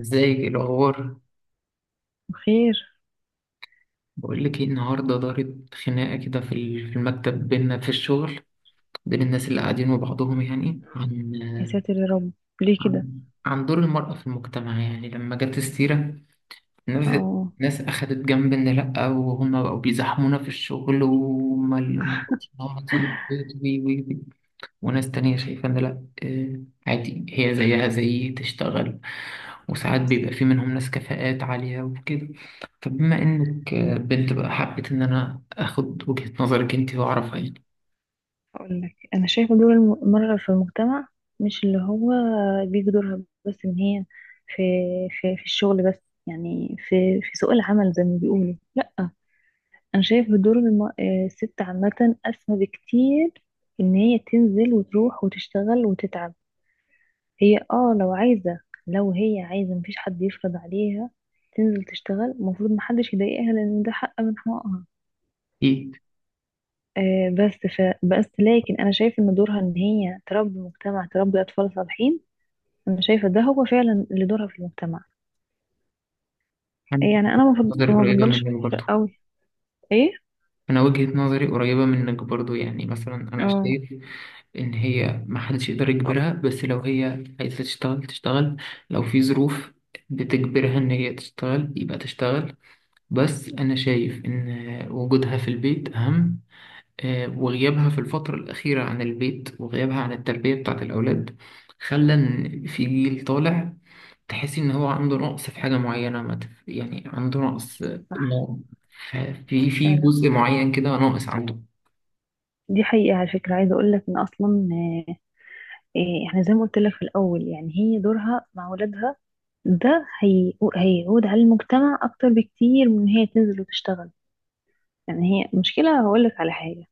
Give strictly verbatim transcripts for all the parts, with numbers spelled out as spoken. ازاي الاخبار؟ خير. بقول لك ايه، النهارده دارت خناقه كده في ال- في المكتب بينا في الشغل، بين الناس اللي قاعدين وبعضهم يعني يا عن ساتر يا رب، ليه عن كده؟ عن دور المرأة في المجتمع. يعني لما جت السيرة، الناس اه. الناس أخدت جنب إن لأ، وهم بقوا بيزاحمونا في الشغل، وهم اللي هم طول البيت وي وي وي. وناس تانية شايفة إن لأ، آه، عادي، هي زيها زي تشتغل، وساعات بيبقى في منهم ناس كفاءات عالية وكده. فبما إنك آه، بنت بقى، حبيت إن أنا آخد وجهة نظرك أنت وأعرفها يعني. اقول لك، انا شايفه دور المرأة في المجتمع مش اللي هو بيجي دورها، بس ان هي في في في الشغل، بس يعني في في سوق العمل زي ما بيقولوا. لا، انا شايفه دور الم- آه، الست عامة اسمى بكتير، ان هي تنزل وتروح وتشتغل وتتعب. هي اه لو عايزة لو هي عايزة مفيش حد يفرض عليها. تنزل تشتغل، المفروض محدش يضايقها لان ده حق من حقوقها. أكيد. آه، بس ف... بس لكن انا شايف ان دورها ان هي تربي مجتمع، تربي اطفال صالحين. انا شايفه ده هو فعلا اللي دورها في المجتمع. أنا يعني انا ما بفض- نظري ما قريبة منك بفضلش برضو. قوي. ايه. أنا وجهة نظري قريبة منك برضو، يعني مثلا أنا اه. شايف إن هي محدش يقدر يجبرها، بس لو هي عايزة تشتغل تشتغل، لو في ظروف بتجبرها إن هي تشتغل يبقى تشتغل، بس أنا شايف إن وجودها في البيت أهم. آه، وغيابها في الفترة الأخيرة عن البيت، وغيابها عن التربية بتاعة الأولاد، خلى إن في جيل طالع تحسي إن هو عنده نقص في حاجة معينة، ما تف- يعني عنده نقص، آه، صح. ما- ف- في في فعلا. جزء معين كده ناقص عنده. دي حقيقه على فكره، عايزه اقول لك ان اصلا، آه، آه، احنا زي ما قلت لك في الاول، يعني هي دورها مع اولادها، ده هي... هيعود على المجتمع اكتر بكتير من إن هي تنزل وتشتغل. يعني هي مشكله هقول لك على حاجه.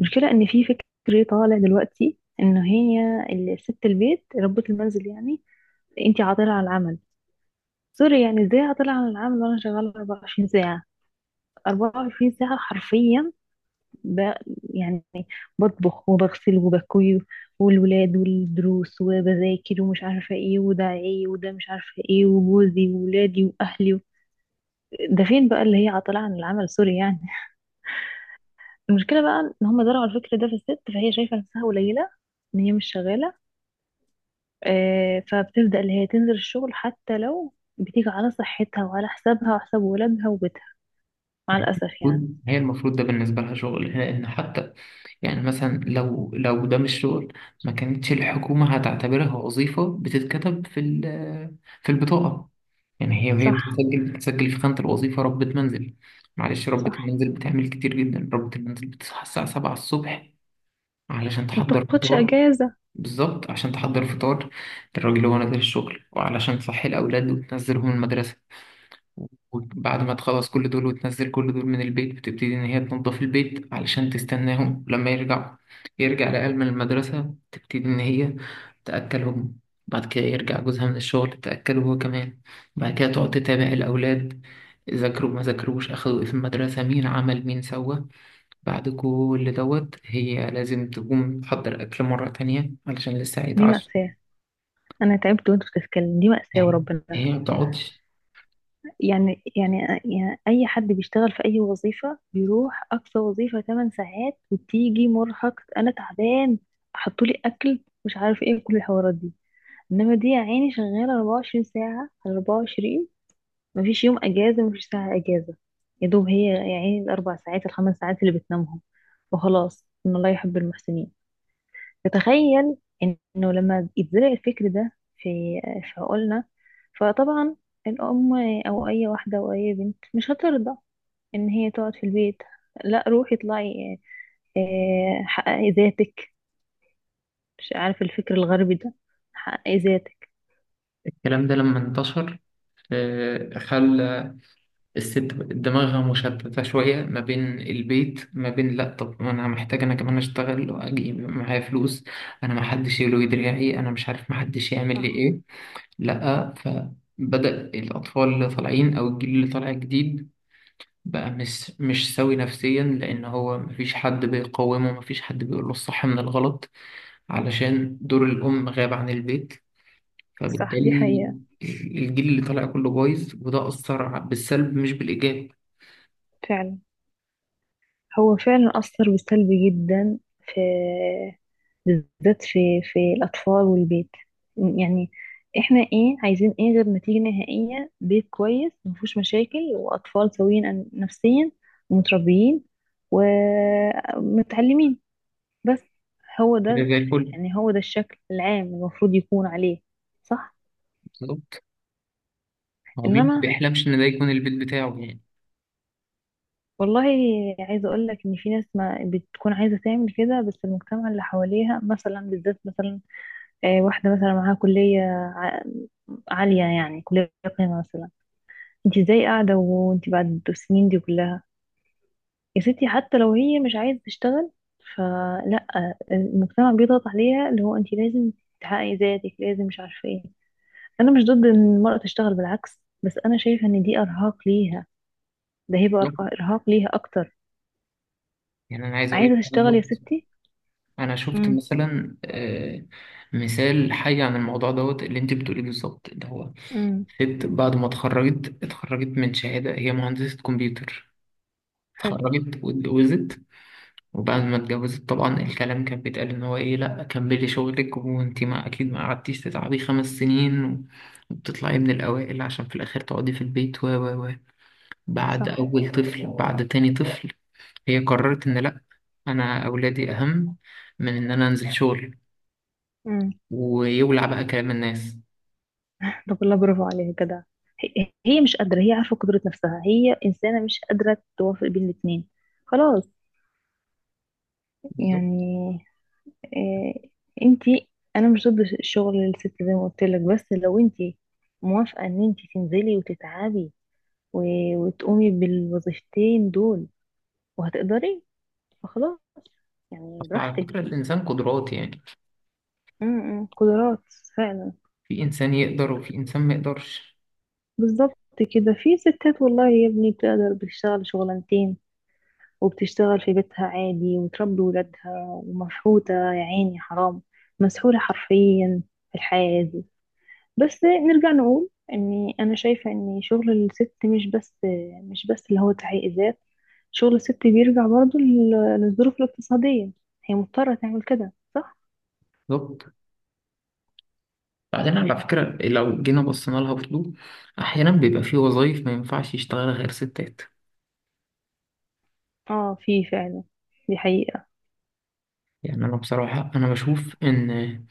المشكلة ان في فكر طالع دلوقتي ان هي ال- ست البيت ربة المنزل، يعني انتي عاطلة عن العمل. سوري يعني، ازاي عاطلة عن العمل وانا شغالة اربعة وعشرين ساعة؟ اربعة وعشرين ساعة حرفيا. ب... يعني بطبخ وبغسل وبكوي، والولاد والدروس وبذاكر ومش عارفة ايه، وده ايه وده مش عارفة ايه، وجوزي وولادي واهلي و... ده فين بقى اللي هي عاطلة عن العمل؟ سوري يعني. المشكلة بقى ان هم زرعوا الفكر ده في الست، فهي شايفة نفسها قليلة ان هي مش شغالة. آه، فبتبدأ اللي هي تنزل الشغل، حتى لو بتيجي على صحتها وعلى حسابها وحساب ولادها وبيتها، مع الأسف يعني. المفروض- هي المفروض ده بالنسبة لها شغل، لأن حتى يعني مثلا لو لو ده مش شغل، ما كانتش الحكومة هتعتبرها وظيفة بتتكتب في ال- في البطاقة. يعني هي وهي صح. بتتسجل بتتسجل في خانة الوظيفة ربة منزل. معلش، ربة صح. المنزل بتعمل كتير جدا. ربة المنزل بتصحى الساعة سبعة الصبح علشان ما تحضر بتاخدش فطار. أجازة. بالظبط، عشان تحضر فطار للراجل وهو نازل الشغل، وعلشان تصحي الأولاد وتنزلهم المدرسة. وبعد ما تخلص كل دول وتنزل كل دول من البيت، بتبتدي إن هي تنظف البيت علشان تستناهم لما يرجعوا. يرجع العيال من المدرسة، تبتدي إن هي تأكلهم. بعد كده يرجع جوزها من الشغل، تأكله هو كمان. بعد كده تقعد تتابع الأولاد، ذاكروا ما ذاكروش، أخدوا إيه في المدرسة، مين عمل مين سوى. بعد كل دوت هي لازم تقوم تحضر أكل مرة تانية علشان لسه دي هيتعشوا. مأساة، أنا تعبت وأنت بتتكلم، دي مأساة يعني وربنا. هي ما بتقعدش. يعني يعني يعني أي حد بيشتغل في أي وظيفة بيروح أقصى وظيفة ثماني ساعات، وبتيجي مرهق أنا تعبان، حطولي أكل مش عارف إيه، كل الحوارات دي. إنما دي يا عيني شغالة اربعة وعشرين ساعة على اربع وعشرين، مفيش يوم اجازه مفيش ساعه اجازه، يا دوب هي يعني الاربع ساعات الخمس ساعات اللي بتنامهم، وخلاص، ان الله يحب المحسنين. فتخيل انه لما يتزرع الفكر ده في في عقولنا، فطبعا الام او اي واحده او اي بنت مش هترضى ان هي تقعد في البيت. لا، روحي اطلعي، آه، حققي ذاتك، مش عارف الفكر الغربي ده، حققي ذاتك. الكلام ده لما انتشر، آه، خلى الست دماغها مشتتة شوية، ما بين البيت، ما بين لأ طب ما أنا محتاج أنا كمان أشتغل وأجيب معايا فلوس، أنا محدش يلوي دراعي، أنا مش عارف محدش يعمل لي صح. إيه. لأ، فبدأ الأطفال اللي طالعين أو الجيل اللي طالع جديد بقى مش مش سوي نفسيا، لأن هو مفيش حد بيقومه، مفيش حد بيقول له الصح من الغلط، علشان دور الأم غاب عن البيت. صح. دي فبالتالي حقيقة الجيل اللي طالع كله بايظ، وده أثر بالسلب مش بالإيجاب. فعلا. هو فعلا أثر بالسلب جدا، في بالذات في في الأطفال والبيت. يعني احنا ايه عايزين، ايه غير نتيجة نهائية بيت كويس مفهوش مشاكل، وأطفال سويين أن- نفسيا، ومتربيين ومتعلمين. بس هو كده ده. زي الفل. يعني هو ده الشكل العام المفروض يكون عليه. صح. بالظبط، هو ومين مش ما إنما بيحلمش ان ده يكون البيت بتاعه يعني. والله، عايزة أقول لك إن في ناس ما بتكون عايزة تعمل كده، بس المجتمع اللي حواليها مثلا، بالذات مثلا، آه، واحدة مثلا معاها كلية ع- عالية يعني، كلية قيمة مثلا. انت ازاي قاعدة وانت بعد السنين دي كلها؟ يا ستي حتى لو هي مش عايزة تشتغل، فلا، المجتمع بيضغط عليها اللي هو انت لازم تحققي ذاتك، لازم مش عارفة ايه. انا مش ضد ان المرأة تشتغل بالعكس، بس انا شايفة ان دي ارهاق ليها، ده هيبقى بالظبط. أرق- ارهاق ليها اكتر. يعني انا عايز اقول لك، عايزة انا تشتغل يا شفت، ستي. انا شفت امم. مثلا آه، مثال حي عن الموضوع دوت اللي انت بتقوليه بالظبط، اللي هو امم. ست بعد ما اتخرجت، اتخرجت من شهاده، هي مهندسه كمبيوتر. حلو. اتخرجت واتجوزت، وبعد ما اتجوزت طبعا الكلام كان بيتقال ان هو ايه، لا كملي شغلك، وانت ما اكيد ما قعدتيش تتعبي خمس سنين وبتطلعي من الاوائل عشان في الاخر تقعدي في البيت. و و و بعد صح. اول طفل، بعد تاني طفل، هي قررت إن لأ، أنا أولادي أهم من إن أنا أنزل شغل، ويولع بقى كلام الناس. طب والله برافو عليها جدع. هي هي مش قادرة، هي عارفة قدرة نفسها، هي إنسانة مش قادرة توافق بين الاتنين. خلاص بالظبط. يعني. إيه. انتي. أنا مش ضد الشغل للست زي ما قلت لك، بس لو انتي موافقة إن انتي تنزلي وتتعبي و- وتقومي بالوظيفتين دول وهتقدري، فخلاص يعني، أصل على براحتك. فكرة الإنسان قدرات يعني، م- م، قدرات، فعلا. في إنسان يقدر وفي إنسان ما يقدرش. بالظبط. كده في ستات والله يا ابني بتقدر بتشتغل شغلانتين، وبتشتغل في بيتها عادي، وتربي ولادها، ومفحوطة يا عيني حرام، مسحولة حرفيا في الحياة دي. بس نرجع نقول اني انا شايفة ان شغل الست مش بس، مش بس اللي هو تحقيق ذات. شغل الست بيرجع برضو لل- للظروف الاقتصادية، هي مضطرة تعمل كده، صح؟ بالظبط. بعدين على فكرة لو جينا بصينا لها برضه، أحيانا بيبقى في وظايف ما ينفعش يشتغلها غير ستات. اه في فعلا، دي حقيقة. يعني أنا بصراحة أنا بشوف إن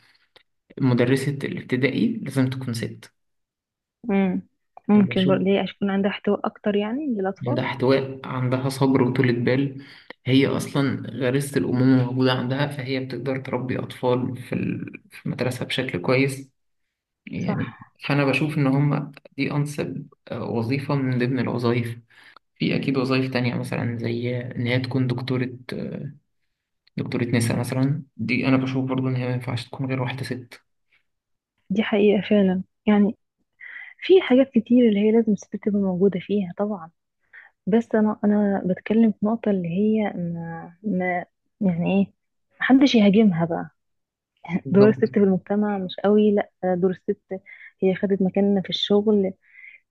مدرسة الابتدائي لازم تكون ست. مم. ممكن برضه بشوف ليه يكون عندها احتواء اكتر يعني للاطفال. عندها احتواء، عندها صبر وطولة بال، هي أصلا غريزة الأمومة موجودة عندها، فهي بتقدر تربي أطفال في ال- في المدرسة بشكل كويس صح. يعني. فأنا بشوف إن هما دي أنسب آه، وظيفة من ضمن الوظائف. في أكيد وظائف تانية، مثلا زي إن هي تكون دكتورة، دكتورة نساء مثلا، دي أنا بشوف برضو إن هي ما ينفعش تكون غير واحدة ست. دي حقيقة فعلا، يعني في حاجات كتير اللي هي لازم الست تبقى موجودة فيها طبعا. بس انا انا بتكلم في نقطه اللي هي ما, ما، يعني ايه، محدش يهاجمها بقى. دور بالظبط. الست في المجتمع مش قوي، لا. دور الست، هي خدت مكاننا في الشغل،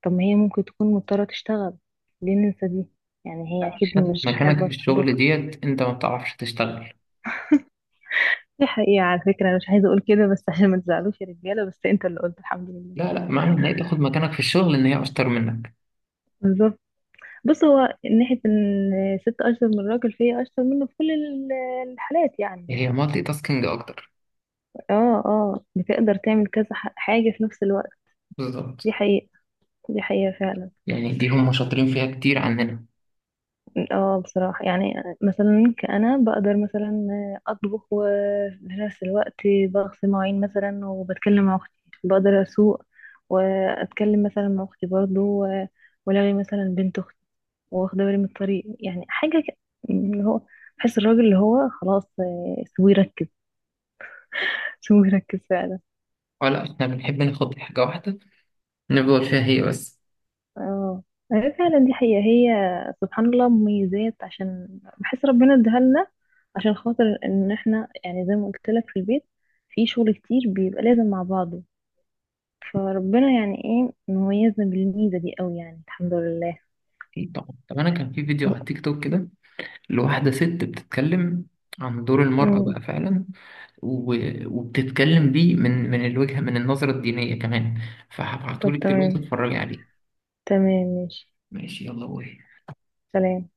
طب ما هي ممكن تكون مضطره تشتغل، ليه ننسى دي؟ يعني هي اكيد خدت مش مكانك في حابه حابه. الشغل ديت أنت ما بتعرفش تشتغل. دي حقيقه على فكره، انا مش عايزه اقول كده بس عشان ما تزعلوش يا رجاله، بس انت اللي قلت، الحمد لله. لا، لا معنى إن هي تاخد مكانك في الشغل إن هي أشطر منك. بالظبط. بص، هو من ناحيه ان الست اشطر من الراجل، فهي اشطر منه في كل ال- الحالات يعني. هي مالتي تاسكينج أكتر. اه. اه. بتقدر تعمل كذا ح- حاجة في نفس الوقت. بالظبط. دي حقيقة. دي حقيقة فعلا. يعني دي هم شاطرين فيها كتير عننا، اه بصراحة يعني، مثلا كأنا بقدر مثلا أطبخ وفي نفس الوقت بغسل مواعين مثلا وبتكلم مع أختي، بقدر أسوق وأتكلم مثلا مع أختي برضه و- ولغي مثلا بنت أختي، واخدة بالي من الطريق، يعني حاجة ك- اللي هو، بحس الراجل اللي هو خلاص، آه، سيبوه يركز. سيبوه يركز فعلا. ولا إحنا بنحب ناخد حاجة واحدة نفضل فيها هي بس. اه هي فعلا دي حقيقة. هي سبحان الله مميزات، عشان بحس ربنا اداها لنا عشان خاطر ان احنا، يعني زي ما قلت لك في البيت في شغل كتير بيبقى لازم مع بعضه، فربنا يعني ايه مميزنا بالميزة دي قوي يعني، الحمد لله. أكيد طبعا. طب أنا كان في فيديو طب. على تيك توك كده، لواحدة ست بتتكلم عن دور المرأة امم بقى فعلا، و- وبتتكلم بيه من من الوجهة، من النظرة الدينية كمان، طب فهبعتهولك دلوقتي تمام، اتفرجي عليه. تمام. ماشي. ماشي، يلا وي، سلام.